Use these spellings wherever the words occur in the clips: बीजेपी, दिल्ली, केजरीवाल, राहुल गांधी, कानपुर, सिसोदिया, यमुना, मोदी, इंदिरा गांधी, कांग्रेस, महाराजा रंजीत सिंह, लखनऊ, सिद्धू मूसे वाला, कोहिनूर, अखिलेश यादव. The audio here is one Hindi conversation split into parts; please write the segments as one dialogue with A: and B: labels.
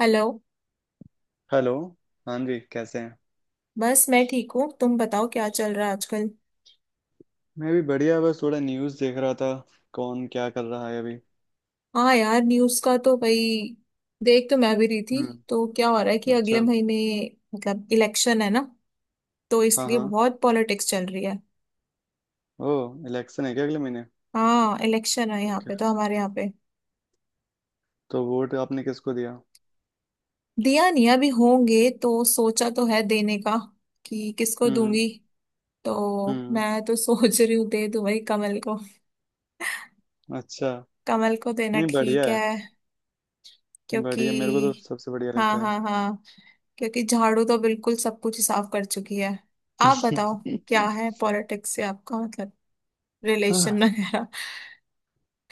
A: हेलो।
B: हेलो। हाँ जी, कैसे हैं?
A: बस मैं ठीक हूँ, तुम बताओ क्या चल रहा है आजकल।
B: मैं भी बढ़िया, बस थोड़ा न्यूज़ देख रहा था। कौन क्या कर रहा है अभी?
A: हाँ यार, न्यूज़ का तो भाई देख तो मैं भी रही थी।
B: हम्म।
A: तो क्या हो रहा है कि
B: अच्छा।
A: अगले महीने मतलब इलेक्शन है ना, तो
B: हाँ
A: इसलिए
B: हाँ।
A: बहुत पॉलिटिक्स चल रही है।
B: ओ, इलेक्शन है क्या अगले महीने?
A: हाँ इलेक्शन है यहाँ
B: ओके।
A: पे तो, हमारे यहाँ पे।
B: तो वोट आपने किसको दिया?
A: दिया नहीं, अभी होंगे तो सोचा तो है देने का कि किसको
B: हम्म।
A: दूंगी। तो
B: हम्म।
A: मैं तो सोच रही हूँ दे दूं भाई कमल को।
B: अच्छा।
A: कमल को देना
B: नहीं, बढ़िया
A: ठीक
B: है।
A: है, क्योंकि
B: बढ़िया, मेरे को तो सबसे बढ़िया
A: हाँ
B: लगता है।
A: हाँ हाँ, क्योंकि झाड़ू तो बिल्कुल सब कुछ ही साफ कर चुकी है। आप बताओ, क्या है पॉलिटिक्स से आपका मतलब, रिलेशन
B: हाँ।
A: वगैरह,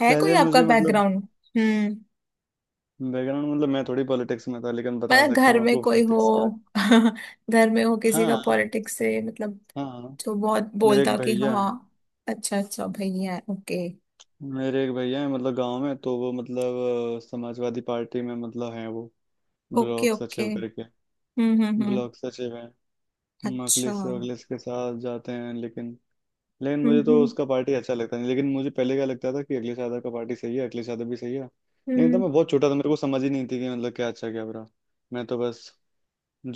A: है कोई
B: पहले
A: आपका
B: मुझे मतलब
A: बैकग्राउंड? हम्म।
B: बैकग्राउंड मतलब मैं थोड़ी पॉलिटिक्स में था, लेकिन बता
A: मतलब
B: सकता
A: घर
B: हूँ
A: में
B: आपको
A: कोई हो,
B: पॉलिटिक्स के बारे में।
A: घर में हो किसी का
B: हाँ
A: पॉलिटिक्स से मतलब,
B: हाँ।
A: जो बहुत
B: मेरे
A: बोलता
B: एक
A: हो कि
B: भैया
A: हाँ।
B: हैं,
A: अच्छा अच्छा भैया, ओके
B: मेरे एक भैया हैं, मतलब गांव में तो वो मतलब समाजवादी पार्टी में मतलब हैं वो,
A: ओके
B: ब्लॉक
A: ओके।
B: सचिव करके।
A: हम्म।
B: ब्लॉक सचिव हैं।
A: अच्छा।
B: मखलिस वखलिस के साथ जाते हैं, लेकिन लेकिन मुझे तो
A: हम्म
B: उसका पार्टी अच्छा लगता नहीं। लेकिन मुझे पहले क्या लगता था कि अखिलेश यादव का पार्टी सही है, अखिलेश यादव भी सही है। लेकिन तब
A: हम्म।
B: मैं बहुत छोटा था, मेरे को समझ ही नहीं थी कि मतलब क्या अच्छा क्या बुरा। मैं तो बस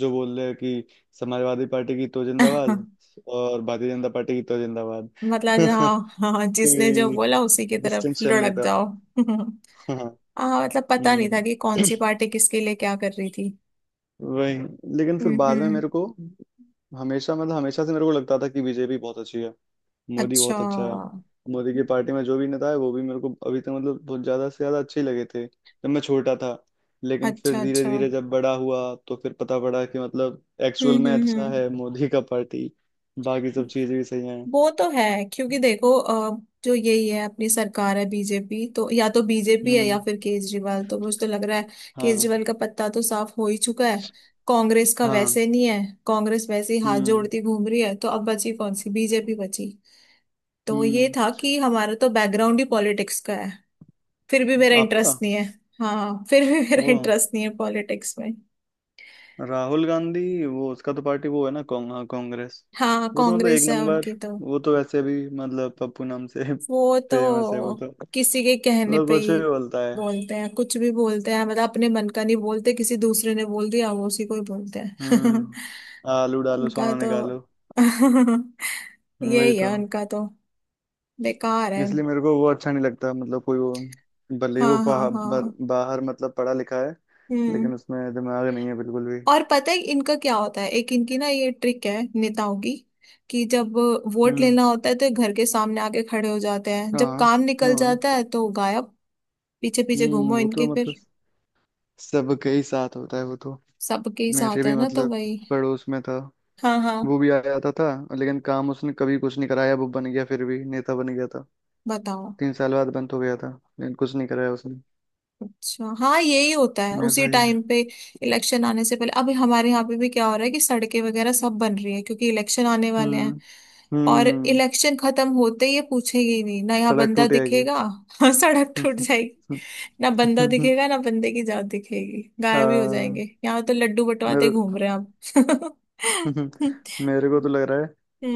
B: जो बोल रहे हैं कि समाजवादी पार्टी की तो जिंदाबाद और भारतीय जनता पार्टी की तो जिंदाबाद।
A: मतलब जहाँ, हाँ जिसने जो
B: कोई
A: बोला उसी की तरफ
B: डिस्टिंक्शन नहीं
A: लुढ़क
B: था।
A: जाओ।
B: हाँ।
A: हाँ मतलब पता नहीं था
B: हम्म।
A: कि कौन सी पार्टी किसके लिए क्या कर रही थी।
B: वही। लेकिन फिर बाद में
A: हम्म।
B: मेरे को हमेशा से मेरे को लगता था कि बीजेपी बहुत अच्छी है, मोदी
A: अच्छा
B: बहुत अच्छा है। मोदी की पार्टी में जो भी नेता है वो भी मेरे को अभी तक मतलब बहुत ज्यादा से ज्यादा अच्छे ही लगे थे जब मैं छोटा था। लेकिन
A: अच्छा
B: फिर धीरे
A: अच्छा।
B: धीरे जब बड़ा हुआ तो फिर पता पड़ा कि मतलब एक्चुअल में अच्छा
A: हम्म।
B: है मोदी का पार्टी। बाकी सब चीजें भी सही हैं।
A: वो तो है, क्योंकि देखो जो यही है अपनी सरकार है बीजेपी, तो या तो बीजेपी है या
B: हम्म।
A: फिर केजरीवाल, तो मुझे तो लग रहा है
B: हाँ
A: केजरीवाल का पत्ता तो साफ हो ही चुका है। कांग्रेस का
B: हाँ।
A: वैसे नहीं है, कांग्रेस वैसे ही हाथ
B: हम्म
A: जोड़ती घूम रही है, तो अब बची कौन सी? बीजेपी बची। तो ये
B: हम्म।
A: था कि हमारा तो बैकग्राउंड ही पॉलिटिक्स का है, फिर भी मेरा
B: आपका।
A: इंटरेस्ट नहीं है। हाँ फिर भी
B: ओ।
A: मेरा इंटरेस्ट नहीं है पॉलिटिक्स में।
B: राहुल गांधी, वो उसका तो पार्टी वो है ना हाँ, कांग्रेस।
A: हाँ
B: वो तो मतलब एक
A: कांग्रेस है
B: नंबर।
A: उनकी तो।
B: वो तो वैसे भी मतलब पप्पू नाम से
A: वो
B: फेमस है वो
A: तो
B: तो।
A: किसी के कहने
B: मतलब
A: पे
B: कुछ
A: ही
B: भी बोलता है।
A: बोलते हैं, कुछ भी बोलते हैं, मतलब अपने मन का नहीं बोलते, किसी दूसरे ने बोल दिया वो उसी को ही बोलते हैं।
B: हम्म। आलू डालो
A: उनका
B: सोना
A: तो
B: निकालो। वही
A: यही
B: तो।
A: है उनका तो, बेकार है।
B: इसलिए मेरे को वो अच्छा नहीं लगता, मतलब कोई वो भले ही
A: हाँ
B: वो
A: हाँ
B: बाहर,
A: हाँ।
B: बाहर मतलब पढ़ा लिखा है,
A: हम्म।
B: लेकिन उसमें दिमाग नहीं है बिल्कुल भी।
A: और पता है इनका क्या होता है? एक इनकी ना ये ट्रिक है नेताओं की, कि जब वोट
B: हम्म।
A: लेना होता है तो ये घर के सामने आके खड़े हो जाते हैं, जब
B: हाँ
A: काम निकल
B: हाँ।
A: जाता है तो गायब। पीछे पीछे
B: हम्म।
A: घूमो
B: वो तो
A: इनके फिर।
B: मतलब सबके ही साथ होता है वो तो।
A: सबके ही
B: मेरे
A: साथ
B: भी
A: है ना, तो
B: मतलब
A: वही।
B: पड़ोस में था,
A: हाँ हाँ।
B: वो भी आ जाता था, लेकिन काम उसने कभी कुछ नहीं कराया। वो बन गया, फिर भी नेता बन गया था।
A: बताओ।
B: 3 साल बाद बंद हो गया था, लेकिन कुछ नहीं कराया उसने।
A: अच्छा हाँ यही होता है, उसी
B: ऐसा ही
A: टाइम
B: है।
A: पे इलेक्शन आने से पहले। अभी हमारे यहाँ पे भी क्या हो रहा है कि सड़कें वगैरह सब बन रही है, क्योंकि इलेक्शन आने वाले हैं।
B: हम्म।
A: और
B: हम्म।
A: इलेक्शन खत्म होते ही ये पूछेंगे ही नहीं ना, यहाँ
B: सड़क
A: बंदा
B: टूट जाएगी।
A: दिखेगा? सड़क टूट जाएगी। ना बंदा दिखेगा ना बंदे की जात दिखेगी, गायब ही हो
B: हाँ।
A: जाएंगे। यहाँ तो लड्डू बंटवाते
B: मेरे,
A: घूम रहे हैं आप।
B: मेरे को तो लग रहा है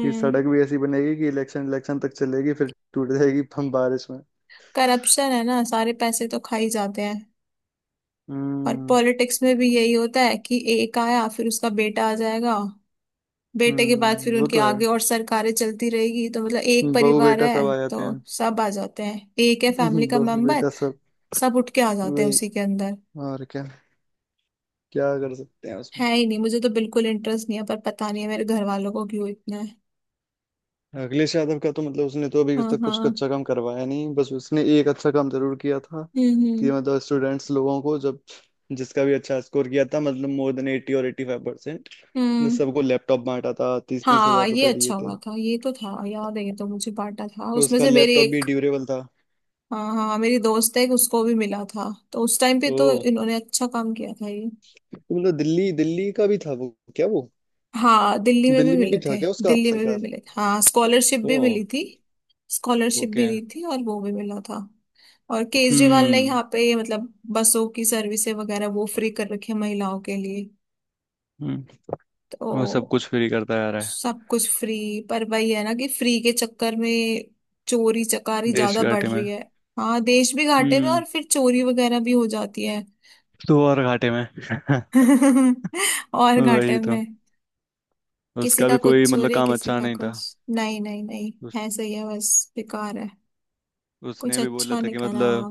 B: कि सड़क भी ऐसी बनेगी कि इलेक्शन इलेक्शन तक चलेगी, फिर टूट जाएगी हम बारिश में।
A: करप्शन है ना, सारे पैसे तो खा ही जाते हैं। और
B: हम्म।
A: पॉलिटिक्स में भी यही होता है कि एक आया, फिर उसका बेटा आ जाएगा, बेटे के बाद फिर
B: हम्म। वो
A: उनके
B: तो है,
A: आगे और सरकारें चलती रहेगी, तो मतलब एक
B: बहू
A: परिवार
B: बेटा
A: है।
B: सब आ
A: तो
B: जाते हैं।
A: सब आ जाते हैं, एक है फैमिली का
B: बहू
A: मेंबर,
B: बेटा सब।
A: सब उठ के आ जाते हैं
B: वही।
A: उसी के अंदर।
B: और क्या, क्या कर सकते हैं उसमें।
A: है ही नहीं, मुझे तो बिल्कुल इंटरेस्ट नहीं है, पर पता नहीं है मेरे घर वालों को क्यों इतना है।
B: अखिलेश यादव का तो मतलब उसने तो अभी
A: हाँ
B: तक कुछ
A: हाँ।
B: अच्छा काम करवाया नहीं, बस उसने एक अच्छा काम जरूर किया था
A: हम्म
B: कि
A: हम्म
B: मतलब स्टूडेंट्स लोगों को जब जिसका भी अच्छा स्कोर किया था, मतलब मोर देन 80 और 85%,
A: हम्म।
B: सबको लैपटॉप बांटा था, तीस तीस
A: हाँ
B: हजार
A: ये
B: रुपए दिए
A: अच्छा हुआ
B: थे।
A: था, ये तो था, याद है ये तो, मुझे बांटा था उसमें
B: उसका
A: से, मेरी
B: लैपटॉप भी
A: एक।
B: ड्यूरेबल था।
A: हाँ हाँ मेरी दोस्त है एक, उसको भी मिला था, तो उस टाइम पे
B: ओ।
A: तो इन्होंने अच्छा काम किया था ये।
B: तो मतलब दिल्ली, दिल्ली का भी था वो, क्या वो
A: हाँ दिल्ली में भी
B: दिल्ली में
A: मिले
B: भी था
A: थे।
B: क्या उसका
A: दिल्ली में भी
B: सरकार?
A: मिले थे हाँ, स्कॉलरशिप
B: ओ।
A: भी मिली थी। Scholarship
B: okay.
A: भी दी थी और वो भी मिला था। और केजरीवाल ने
B: हम्म।
A: यहाँ पे मतलब बसों की सर्विसेज वगैरह वो फ्री कर रखी है महिलाओं के लिए,
B: हम्म, वो सब
A: तो
B: कुछ फ्री करता आ रहा है।
A: सब कुछ फ्री। पर वही है ना कि फ्री के चक्कर में चोरी चकारी
B: देश
A: ज्यादा
B: के
A: बढ़
B: आटे में।
A: रही है। हाँ देश भी घाटे में,
B: हम्म।
A: और फिर चोरी वगैरह भी हो जाती है।
B: दो और घाटे में।
A: और घाटे
B: वही तो।
A: में। किसी
B: उसका
A: का
B: भी कोई
A: कुछ
B: मतलब
A: चोरी,
B: काम
A: किसी
B: अच्छा
A: का
B: नहीं था।
A: कुछ, नहीं नहीं नहीं,
B: उस,
A: ऐसे ही है बस, बेकार है, कुछ
B: उसने भी बोला
A: अच्छा
B: था
A: नहीं
B: कि
A: करा।
B: मतलब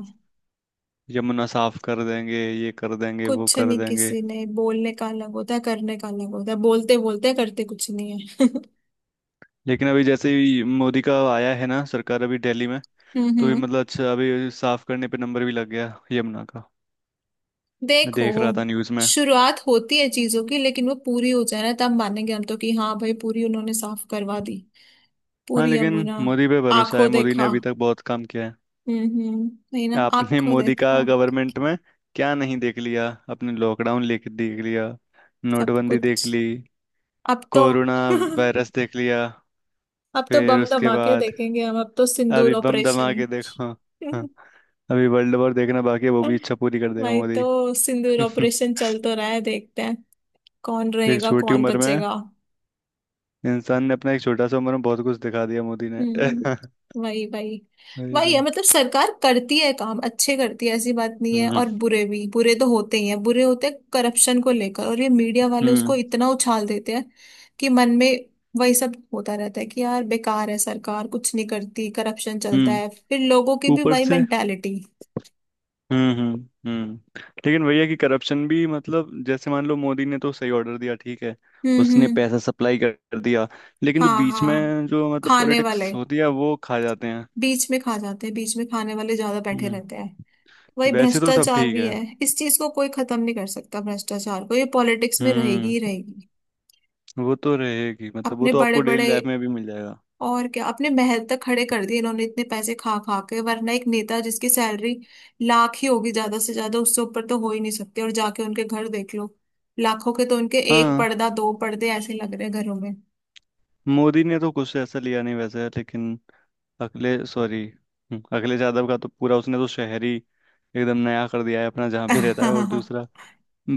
B: यमुना साफ कर देंगे, ये कर देंगे, वो
A: कुछ
B: कर
A: नहीं,
B: देंगे।
A: किसी ने, बोलने का अलग होता है करने का अलग होता है, बोलते बोलते करते कुछ नहीं है।
B: लेकिन अभी जैसे ही मोदी का आया है ना सरकार अभी दिल्ली में,
A: हम्म
B: तो भी
A: हम्म।
B: मतलब अच्छा, अभी साफ करने पे नंबर भी लग गया यमुना का। मैं
A: देखो
B: देख रहा था न्यूज़ में।
A: शुरुआत होती है चीजों की, लेकिन वो पूरी हो जाए ना तब मानेंगे हम तो, कि हाँ भाई पूरी उन्होंने साफ करवा दी
B: हाँ,
A: पूरी
B: लेकिन
A: यमुना।
B: मोदी पे भरोसा है,
A: आंखों
B: मोदी ने
A: देखा।
B: अभी तक बहुत काम किया है।
A: हम्म। नहीं ना,
B: आपने
A: आंखों
B: मोदी का
A: देखा
B: गवर्नमेंट में क्या नहीं देख लिया? अपने लॉकडाउन लेके देख लिया,
A: सब
B: नोटबंदी
A: कुछ।
B: देख ली,
A: अब तो
B: कोरोना वायरस देख लिया,
A: अब तो
B: फिर
A: बम
B: उसके
A: धमाके
B: बाद
A: देखेंगे हम, अब तो सिंदूर
B: अभी बम
A: ऑपरेशन।
B: धमाके देखो। हाँ, अभी वर्ल्ड वॉर देखना बाकी है, वो भी इच्छा पूरी कर देगा
A: भाई तो
B: मोदी।
A: सिंदूर ऑपरेशन चल तो रहा है, देखते हैं कौन
B: एक
A: रहेगा
B: छोटी
A: कौन
B: उम्र में
A: बचेगा।
B: इंसान ने अपना एक छोटा सा उम्र में बहुत कुछ दिखा दिया मोदी ने।
A: हम्म वही वही।
B: वही
A: वही
B: तो।
A: है, मतलब सरकार करती है काम, अच्छे करती है, ऐसी बात नहीं है।
B: हम्म
A: और बुरे भी, बुरे तो होते ही हैं, बुरे होते हैं करप्शन को लेकर, और ये मीडिया वाले उसको
B: हम्म
A: इतना उछाल देते हैं कि मन में वही सब होता रहता है कि यार बेकार है सरकार, कुछ नहीं करती, करप्शन चलता
B: हम्म।
A: है, फिर लोगों की भी
B: ऊपर
A: वही
B: से।
A: मेंटेलिटी।
B: हम्म। लेकिन भैया कि करप्शन भी मतलब जैसे मान लो मोदी ने तो सही ऑर्डर दिया, ठीक है,
A: हम्म
B: उसने
A: हम्म।
B: पैसा सप्लाई कर कर दिया, लेकिन जो
A: हाँ
B: बीच
A: हाँ,
B: में जो मतलब
A: खाने वाले
B: पॉलिटिक्स होती है वो खा जाते हैं।
A: बीच में खा जाते हैं, बीच में खाने वाले ज्यादा बैठे
B: हम्म।
A: रहते हैं। वही
B: वैसे तो सब
A: भ्रष्टाचार
B: ठीक
A: भी
B: है।
A: है, इस चीज को कोई खत्म नहीं कर सकता, भ्रष्टाचार को, ये पॉलिटिक्स में रहेगी
B: हम्म।
A: ही रहेगी।
B: वो तो रहेगी, मतलब वो
A: अपने
B: तो
A: बड़े
B: आपको डेली
A: बड़े,
B: लाइफ में भी मिल जाएगा।
A: और क्या, अपने महल तक खड़े कर दिए इन्होंने इतने पैसे खा खा के। वरना एक नेता जिसकी सैलरी लाख ही होगी ज्यादा से ज्यादा, उससे ऊपर तो हो ही नहीं सकते, और जाके उनके घर देख लो, लाखों के तो उनके एक
B: हाँ।
A: पर्दा, दो पर्दे ऐसे लग रहे हैं घरों में।
B: मोदी ने तो कुछ ऐसा लिया नहीं वैसे, लेकिन अखिलेश, सॉरी, अखिलेश यादव का तो पूरा उसने तो शहर ही एकदम नया कर दिया है अपना जहाँ पे रहता है। और
A: हाँ
B: दूसरा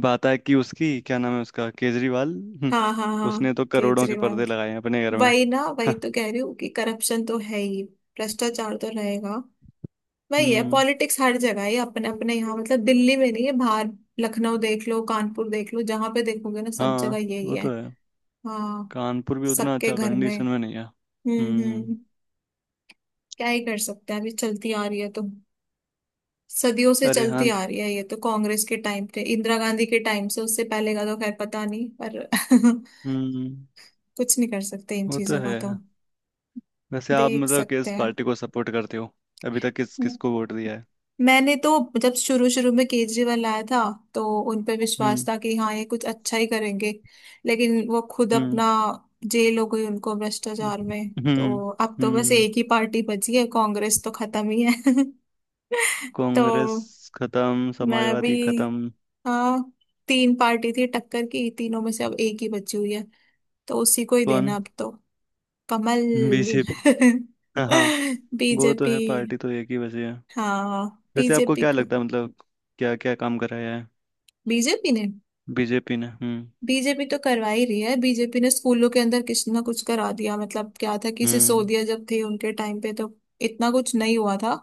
B: बात है कि उसकी क्या नाम है उसका, केजरीवाल,
A: हाँ हाँ।
B: उसने तो करोड़ों के
A: केजरीवाल।
B: पर्दे लगाए हैं अपने घर में।
A: वही ना, वही तो कह रही हूँ कि करप्शन तो है ही, भ्रष्टाचार तो रहेगा, वही है
B: हम्म।
A: पॉलिटिक्स हर जगह है, अपने अपने यहाँ मतलब दिल्ली में नहीं है बाहर, लखनऊ देख लो, कानपुर देख लो, जहां पे देखोगे ना सब जगह
B: हाँ,
A: यही
B: वो
A: है।
B: तो है।
A: हाँ
B: कानपुर भी उतना
A: सबके
B: अच्छा
A: घर में।
B: कंडीशन में नहीं है। हम्म।
A: हम्म। क्या ही कर सकते हैं, अभी चलती आ रही है तो, सदियों से
B: अरे
A: चलती
B: हाँ।
A: आ रही है ये तो, कांग्रेस के टाइम से, इंदिरा गांधी के टाइम से, उससे पहले का तो खैर पता नहीं पर।
B: हम्म।
A: कुछ नहीं कर सकते इन
B: वो तो
A: चीजों का
B: है।
A: तो,
B: वैसे आप
A: देख
B: मतलब
A: सकते
B: किस
A: हैं।
B: पार्टी को सपोर्ट करते हो? अभी तक किस किस को वोट दिया है?
A: मैंने तो जब शुरू शुरू में केजरीवाल आया था तो उन पे विश्वास
B: हम्म।
A: था कि हाँ ये कुछ अच्छा ही करेंगे, लेकिन वो खुद
B: हम्म।
A: अपना जेल हो गई उनको
B: हम्म।
A: भ्रष्टाचार में,
B: हम्म।
A: तो अब तो बस
B: हम्म।
A: एक ही पार्टी बची है, कांग्रेस तो खत्म ही है।
B: कांग्रेस
A: तो
B: खत्म,
A: मैं भी,
B: समाजवादी खत्म।
A: हाँ तीन पार्टी थी टक्कर की, तीनों में से अब एक ही बची हुई है, तो उसी को ही देना
B: कौन?
A: अब तो। कमल।
B: बीजेपी। हाँ, वो तो
A: बीजेपी।
B: है, पार्टी तो एक ही बची है।
A: हाँ
B: वैसे आपको
A: बीजेपी
B: क्या
A: को।
B: लगता है मतलब क्या क्या काम कराया है
A: बीजेपी ने,
B: बीजेपी ने?
A: बीजेपी तो करवा ही रही है, बीजेपी ने स्कूलों के अंदर कुछ ना कुछ करा दिया। मतलब क्या था कि
B: हम्म
A: सिसोदिया जब थे उनके टाइम पे तो इतना कुछ नहीं हुआ था,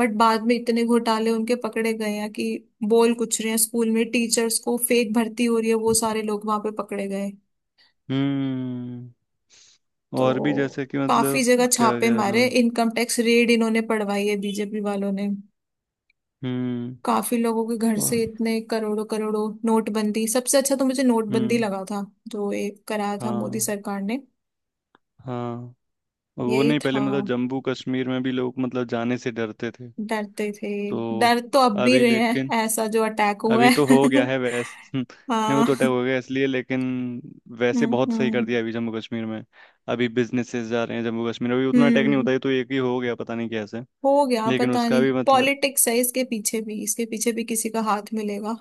A: बट बाद में इतने घोटाले उनके पकड़े गए हैं कि बोल कुछ रहे हैं, स्कूल में टीचर्स को फेक भर्ती हो रही है, वो सारे लोग वहां पे पकड़े गए।
B: हम्म। और भी
A: तो
B: जैसे कि
A: काफी
B: मतलब,
A: जगह
B: क्या
A: छापे
B: कह रहा था
A: मारे,
B: मैं।
A: इनकम टैक्स रेड इन्होंने पड़वाई है बीजेपी वालों ने,
B: हम्म।
A: काफी लोगों के घर से
B: और-
A: इतने करोड़ों करोड़ों। नोटबंदी सबसे अच्छा तो मुझे नोटबंदी
B: हम्म।
A: लगा था जो ये कराया था मोदी
B: हाँ
A: सरकार ने।
B: हाँ। वो
A: यही
B: नहीं, पहले
A: था,
B: मतलब जम्मू कश्मीर में भी लोग मतलब जाने से डरते थे
A: डरते थे,
B: तो।
A: डर तो अब भी
B: अभी
A: रहे
B: लेकिन
A: हैं, ऐसा जो अटैक हुआ
B: अभी तो
A: है।
B: हो गया है वैसे। नहीं, वो
A: हाँ।
B: तो अटैक हो गया इसलिए, लेकिन वैसे
A: हम्म
B: बहुत सही कर
A: हम्म
B: दिया अभी जम्मू कश्मीर में। अभी बिजनेसेस जा रहे हैं जम्मू कश्मीर में, अभी उतना अटैक नहीं
A: हम्म।
B: होता है तो एक ही हो गया, पता नहीं कैसे।
A: हो गया,
B: लेकिन
A: पता
B: उसका
A: नहीं,
B: भी मतलब,
A: पॉलिटिक्स है इसके पीछे भी, इसके पीछे भी किसी का हाथ मिलेगा।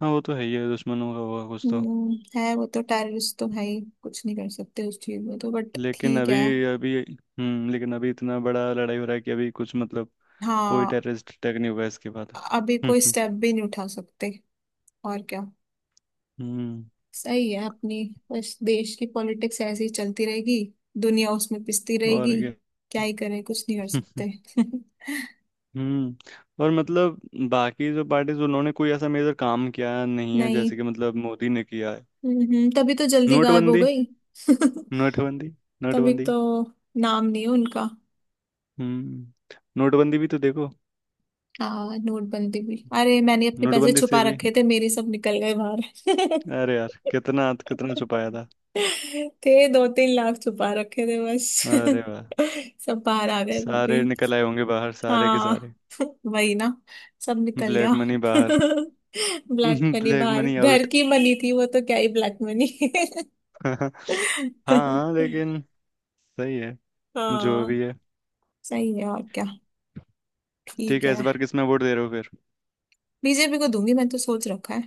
B: हाँ वो तो है ही है, दुश्मनों का होगा कुछ तो।
A: हम्म, है वो तो, टेररिस्ट तो है ही, कुछ नहीं कर सकते उस चीज में तो, बट ठीक है।
B: लेकिन अभी इतना बड़ा लड़ाई हो रहा है कि अभी कुछ मतलब कोई
A: हाँ
B: टेररिस्ट अटैक नहीं होगा इसके बाद।
A: अभी
B: हम्म
A: कोई
B: हम्म
A: स्टेप भी नहीं उठा सकते, और क्या।
B: हम्म,
A: सही है अपनी, बस देश की पॉलिटिक्स ऐसे ही चलती रहेगी, दुनिया उसमें पिसती
B: और
A: रहेगी,
B: क्या।
A: क्या ही करें, कुछ नहीं कर सकते।
B: हम्म। और मतलब बाकी जो पार्टीज उन्होंने कोई ऐसा मेजर काम किया नहीं है
A: नहीं।
B: जैसे कि मतलब मोदी ने किया है।
A: तभी तो जल्दी गायब हो
B: नोटबंदी,
A: गई।
B: नोटबंदी,
A: तभी
B: नोटबंदी।
A: तो नाम नहीं है उनका।
B: हम्म। नोटबंदी भी तो देखो।
A: हाँ नोटबंदी भी, अरे मैंने अपने पैसे
B: नोटबंदी से
A: छुपा
B: भी
A: रखे थे, मेरे सब निकल गए बाहर।
B: अरे यार कितना कितना छुपाया था।
A: थे 2-3 लाख छुपा रखे थे बस।
B: अरे वाह,
A: सब बाहर आ गए वो भी।
B: सारे निकल आए होंगे बाहर, सारे के
A: हाँ
B: सारे।
A: वही ना, सब निकल गया।
B: ब्लैक मनी बाहर।
A: ब्लैक मनी
B: ब्लैक
A: बाहर,
B: मनी
A: घर
B: आउट।
A: की मनी थी वो तो, क्या ही ब्लैक मनी।
B: हाँ, लेकिन सही है, जो
A: हाँ
B: भी है।
A: सही है, और क्या,
B: ठीक
A: ठीक
B: है। इस
A: है।
B: बार किस में वोट दे रहे हो फिर?
A: बीजेपी को दूंगी, मैं तो सोच रखा है,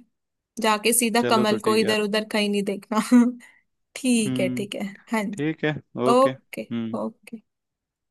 A: जाके सीधा
B: चलो, तो
A: कमल को,
B: ठीक है।
A: इधर उधर कहीं नहीं देखना। ठीक है
B: हम्म।
A: ठीक है। हाँ जी।
B: ठीक है। ओके।
A: ओके।
B: हम्म।
A: ओके।